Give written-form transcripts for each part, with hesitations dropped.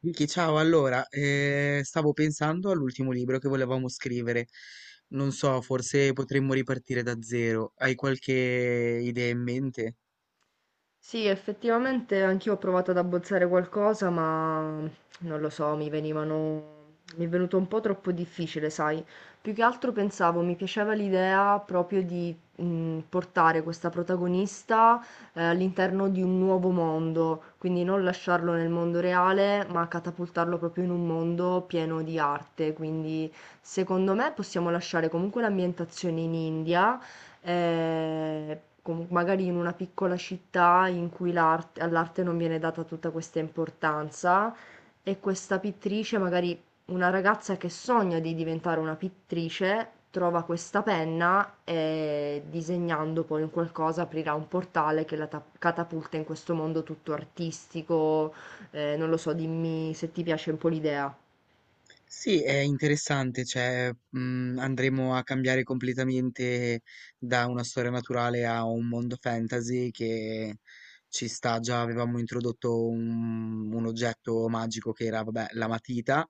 Vicky, ciao, allora, stavo pensando all'ultimo libro che volevamo scrivere. Non so, forse potremmo ripartire da zero. Hai qualche idea in mente? Sì, effettivamente anch'io ho provato ad abbozzare qualcosa, ma non lo so, mi venivano... mi è venuto un po' troppo difficile, sai? Più che altro pensavo, mi piaceva l'idea proprio di portare questa protagonista all'interno di un nuovo mondo, quindi non lasciarlo nel mondo reale, ma catapultarlo proprio in un mondo pieno di arte. Quindi secondo me possiamo lasciare comunque l'ambientazione in India, com magari in una piccola città in cui l'art all'arte non viene data tutta questa importanza e questa pittrice, magari una ragazza che sogna di diventare una pittrice, trova questa penna e disegnando poi un qualcosa aprirà un portale che catapulta in questo mondo tutto artistico. Non lo so, dimmi se ti piace un po' l'idea. Sì, è interessante, cioè, andremo a cambiare completamente da una storia naturale a un mondo fantasy che ci sta. Già avevamo introdotto un oggetto magico che era, vabbè, la matita,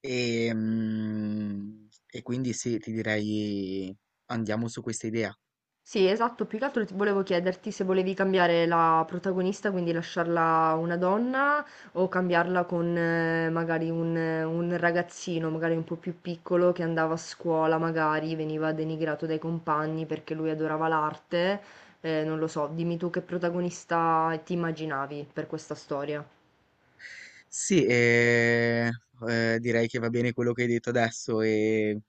e quindi sì, ti direi andiamo su questa idea. Sì, esatto, più che altro ti volevo chiederti se volevi cambiare la protagonista, quindi lasciarla una donna o cambiarla con magari un ragazzino, magari un po' più piccolo che andava a scuola, magari veniva denigrato dai compagni perché lui adorava l'arte. Non lo so, dimmi tu che protagonista ti immaginavi per questa storia. Sì, direi che va bene quello che hai detto adesso e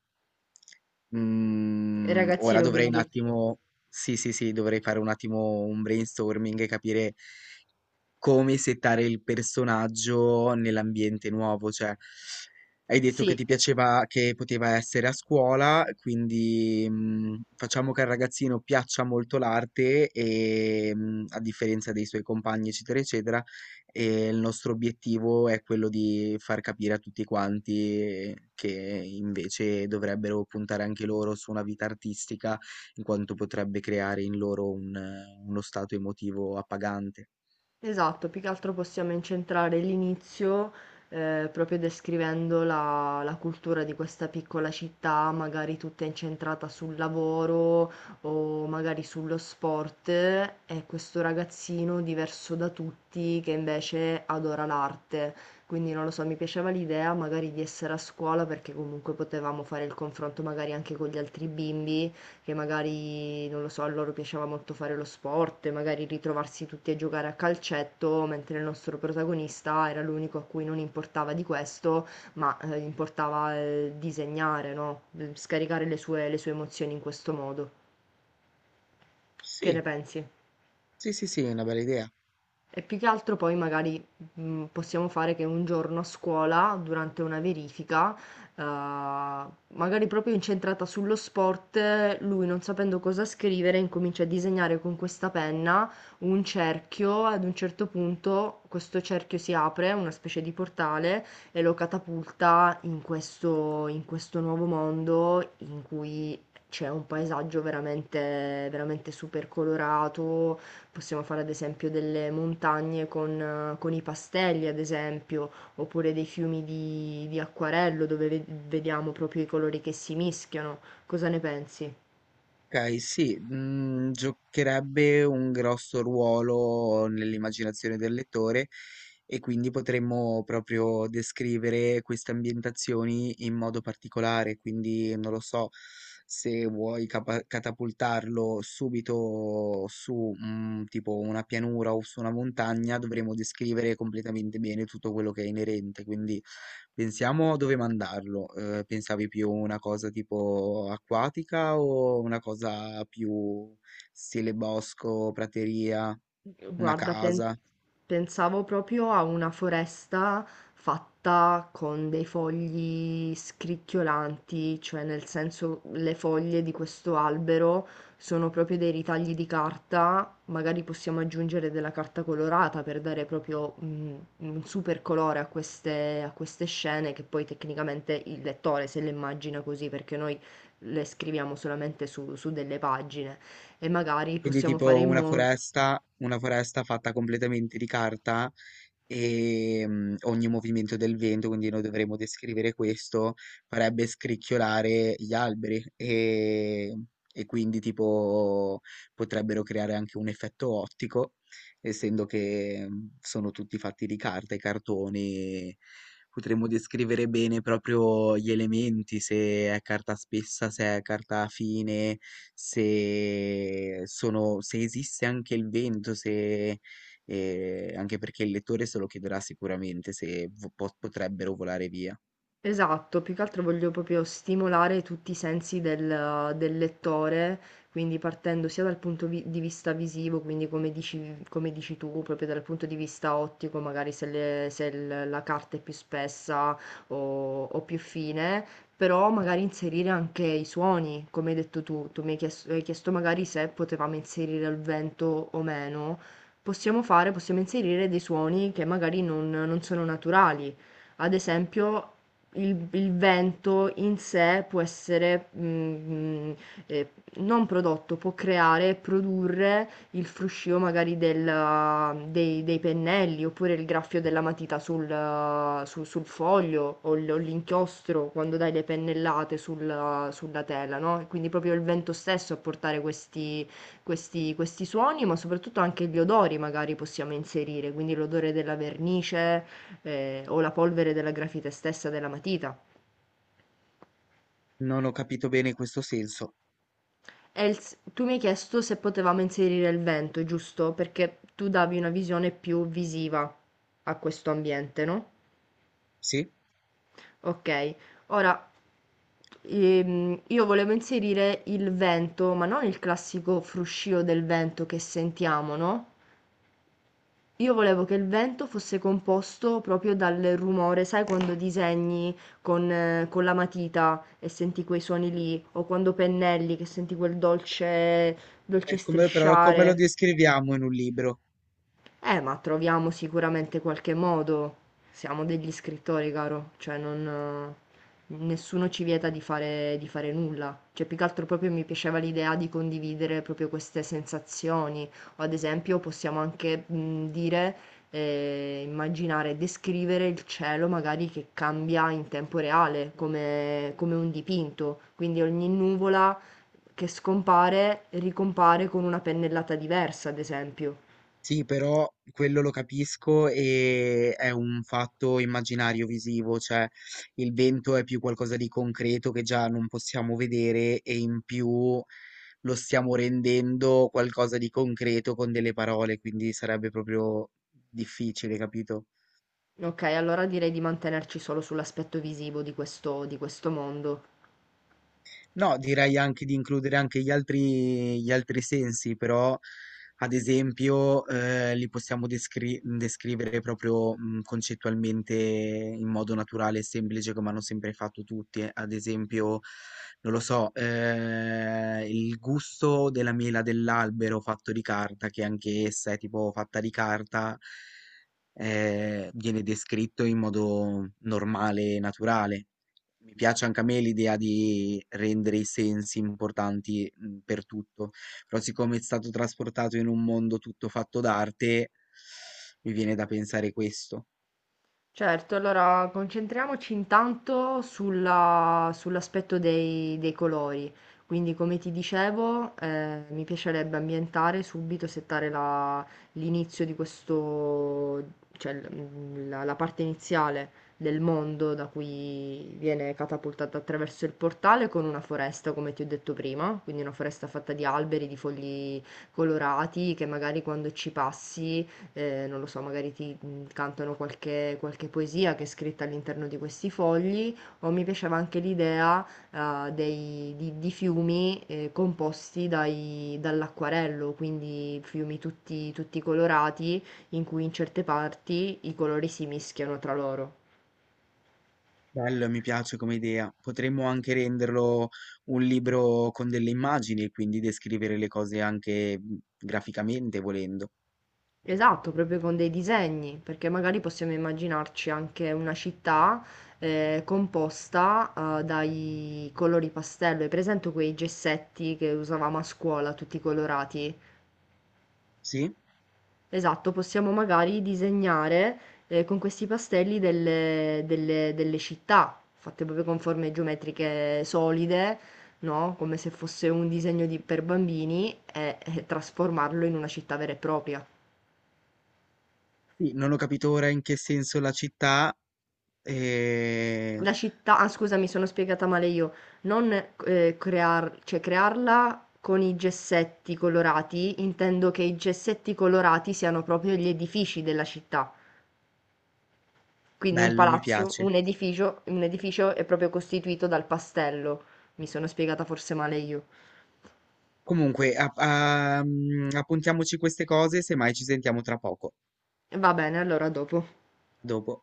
ora Ragazzino, dovrei un quindi. attimo, sì, sì, sì, dovrei fare un attimo un brainstorming e capire come settare il personaggio nell'ambiente nuovo, cioè hai detto che Sì. ti piaceva che poteva essere a scuola, quindi facciamo che al ragazzino piaccia molto l'arte e, a differenza dei suoi compagni, eccetera, eccetera, e il nostro obiettivo è quello di far capire a tutti quanti che invece dovrebbero puntare anche loro su una vita artistica, in quanto potrebbe creare in loro un, uno stato emotivo appagante. Esatto, più che altro possiamo incentrare l'inizio, proprio descrivendo la cultura di questa piccola città, magari tutta incentrata sul lavoro o magari sullo sport, e questo ragazzino diverso da tutti che invece adora l'arte. Quindi non lo so, mi piaceva l'idea magari di essere a scuola perché comunque potevamo fare il confronto magari anche con gli altri bimbi che magari, non lo so, a loro piaceva molto fare lo sport e magari ritrovarsi tutti a giocare a calcetto, mentre il nostro protagonista era l'unico a cui non importava di questo, ma gli importava disegnare, no? Scaricare le sue emozioni in questo modo. Che ne Sì, pensi? sì, sì, sì, è una bella idea. E più che altro poi magari possiamo fare che un giorno a scuola, durante una verifica, magari proprio incentrata sullo sport, lui non sapendo cosa scrivere incomincia a disegnare con questa penna un cerchio, ad un certo punto questo cerchio si apre, una specie di portale, e lo catapulta in questo nuovo mondo in cui c'è un paesaggio veramente, veramente super colorato. Possiamo fare ad esempio delle montagne con i pastelli, ad esempio, oppure dei fiumi di acquarello dove vediamo proprio i colori che si mischiano. Cosa ne pensi? Okay, sì, giocherebbe un grosso ruolo nell'immaginazione del lettore e quindi potremmo proprio descrivere queste ambientazioni in modo particolare, quindi non lo so, se vuoi capa catapultarlo subito su, tipo una pianura o su una montagna, dovremo descrivere completamente bene tutto quello che è inerente, quindi pensiamo dove mandarlo. Pensavi più una cosa tipo acquatica o una cosa più stile bosco, prateria, una Guarda, casa? pensavo proprio a una foresta fatta con dei fogli scricchiolanti, cioè nel senso le foglie di questo albero sono proprio dei ritagli di carta, magari possiamo aggiungere della carta colorata per dare proprio un super colore a a queste scene che poi tecnicamente il lettore se le immagina così, perché noi le scriviamo solamente su delle pagine e magari Quindi possiamo fare tipo in modo... una foresta fatta completamente di carta, ogni movimento del vento, quindi noi dovremmo descrivere questo, farebbe scricchiolare gli alberi e quindi tipo potrebbero creare anche un effetto ottico, essendo che sono tutti fatti di carta e cartoni. Potremmo descrivere bene proprio gli elementi, se è carta spessa, se è carta fine, se, sono, se esiste anche il vento, se, e anche perché il lettore se lo chiederà sicuramente se potrebbero volare via. Esatto, più che altro voglio proprio stimolare tutti i sensi del lettore, quindi partendo sia dal punto vi di vista visivo, quindi come dici tu, proprio dal punto di vista ottico, magari se il la carta è più spessa o più fine, però magari inserire anche i suoni, come hai detto tu. Tu mi hai chiesto magari se potevamo inserire il vento o meno. Possiamo inserire dei suoni che magari non sono naturali. Ad esempio, il vento in sé può essere, ehm, non prodotto, può creare, e produrre il fruscio magari del dei pennelli, oppure il graffio della matita sul su sul foglio o l'inchiostro quando dai le pennellate sulla tela, no, e quindi proprio il vento stesso a portare questi questi suoni, ma soprattutto anche gli odori magari possiamo inserire, quindi l'odore della vernice, o la polvere della grafite stessa della matita. Non ho capito bene questo senso. Els, tu mi hai chiesto se potevamo inserire il vento, giusto? Perché tu davi una visione più visiva a questo ambiente, no? Sì? Ok, ora io volevo inserire il vento, ma non il classico fruscio del vento che sentiamo, no? Io volevo che il vento fosse composto proprio dal rumore, sai quando disegni con la matita e senti quei suoni lì, o quando pennelli che senti quel dolce, dolce Come, però come lo strisciare. descriviamo in un libro? Ma troviamo sicuramente qualche modo. Siamo degli scrittori, caro, cioè non, nessuno ci vieta di fare nulla. Cioè, più che altro proprio mi piaceva l'idea di condividere proprio queste sensazioni. O ad esempio possiamo anche dire, immaginare, descrivere il cielo magari che cambia in tempo reale, come, come un dipinto. Quindi ogni nuvola che scompare ricompare con una pennellata diversa, ad esempio. Sì, però quello lo capisco e è un fatto immaginario visivo, cioè il vento è più qualcosa di concreto che già non possiamo vedere e in più lo stiamo rendendo qualcosa di concreto con delle parole, quindi sarebbe proprio difficile, capito? Ok, allora direi di mantenerci solo sull'aspetto visivo di di questo mondo. No, direi anche di includere anche gli altri sensi, però ad esempio li possiamo descrivere proprio concettualmente in modo naturale e semplice come hanno sempre fatto tutti. Ad esempio, non lo so, il gusto della mela dell'albero fatto di carta, che anche essa è tipo fatta di carta, viene descritto in modo normale e naturale. Mi piace anche a me l'idea di rendere i sensi importanti per tutto, però siccome è stato trasportato in un mondo tutto fatto d'arte, mi viene da pensare questo. Certo, allora concentriamoci intanto sull'aspetto dei colori. Quindi, come ti dicevo, mi piacerebbe ambientare subito, l'inizio di questo, cioè la parte iniziale del mondo da cui viene catapultata attraverso il portale con una foresta, come ti ho detto prima, quindi una foresta fatta di alberi, di fogli colorati che magari quando ci passi non lo so, magari ti cantano qualche poesia che è scritta all'interno di questi fogli, o mi piaceva anche l'idea di fiumi composti dall'acquarello, quindi fiumi tutti colorati in cui in certe parti i colori si mischiano tra loro. Bello, mi piace come idea. Potremmo anche renderlo un libro con delle immagini e quindi descrivere le cose anche graficamente, volendo. Esatto, proprio con dei disegni, perché magari possiamo immaginarci anche una città composta dai colori pastello. Hai presente quei gessetti che usavamo a scuola, tutti colorati? Sì? Esatto, possiamo magari disegnare con questi pastelli delle città, fatte proprio con forme geometriche solide, no? Come se fosse un disegno per bambini e trasformarlo in una città vera e propria. Sì, non ho capito ora in che senso la città. eh, La città, ah scusa, mi sono spiegata male io, non cioè, crearla con i gessetti colorati, intendo che i gessetti colorati siano proprio gli edifici della città, quindi un Bello, mi palazzo, piace. Un edificio è proprio costituito dal pastello, mi sono spiegata forse male io. Comunque, appuntiamoci queste cose, semmai ci sentiamo tra poco. Va bene, allora dopo. A dopo.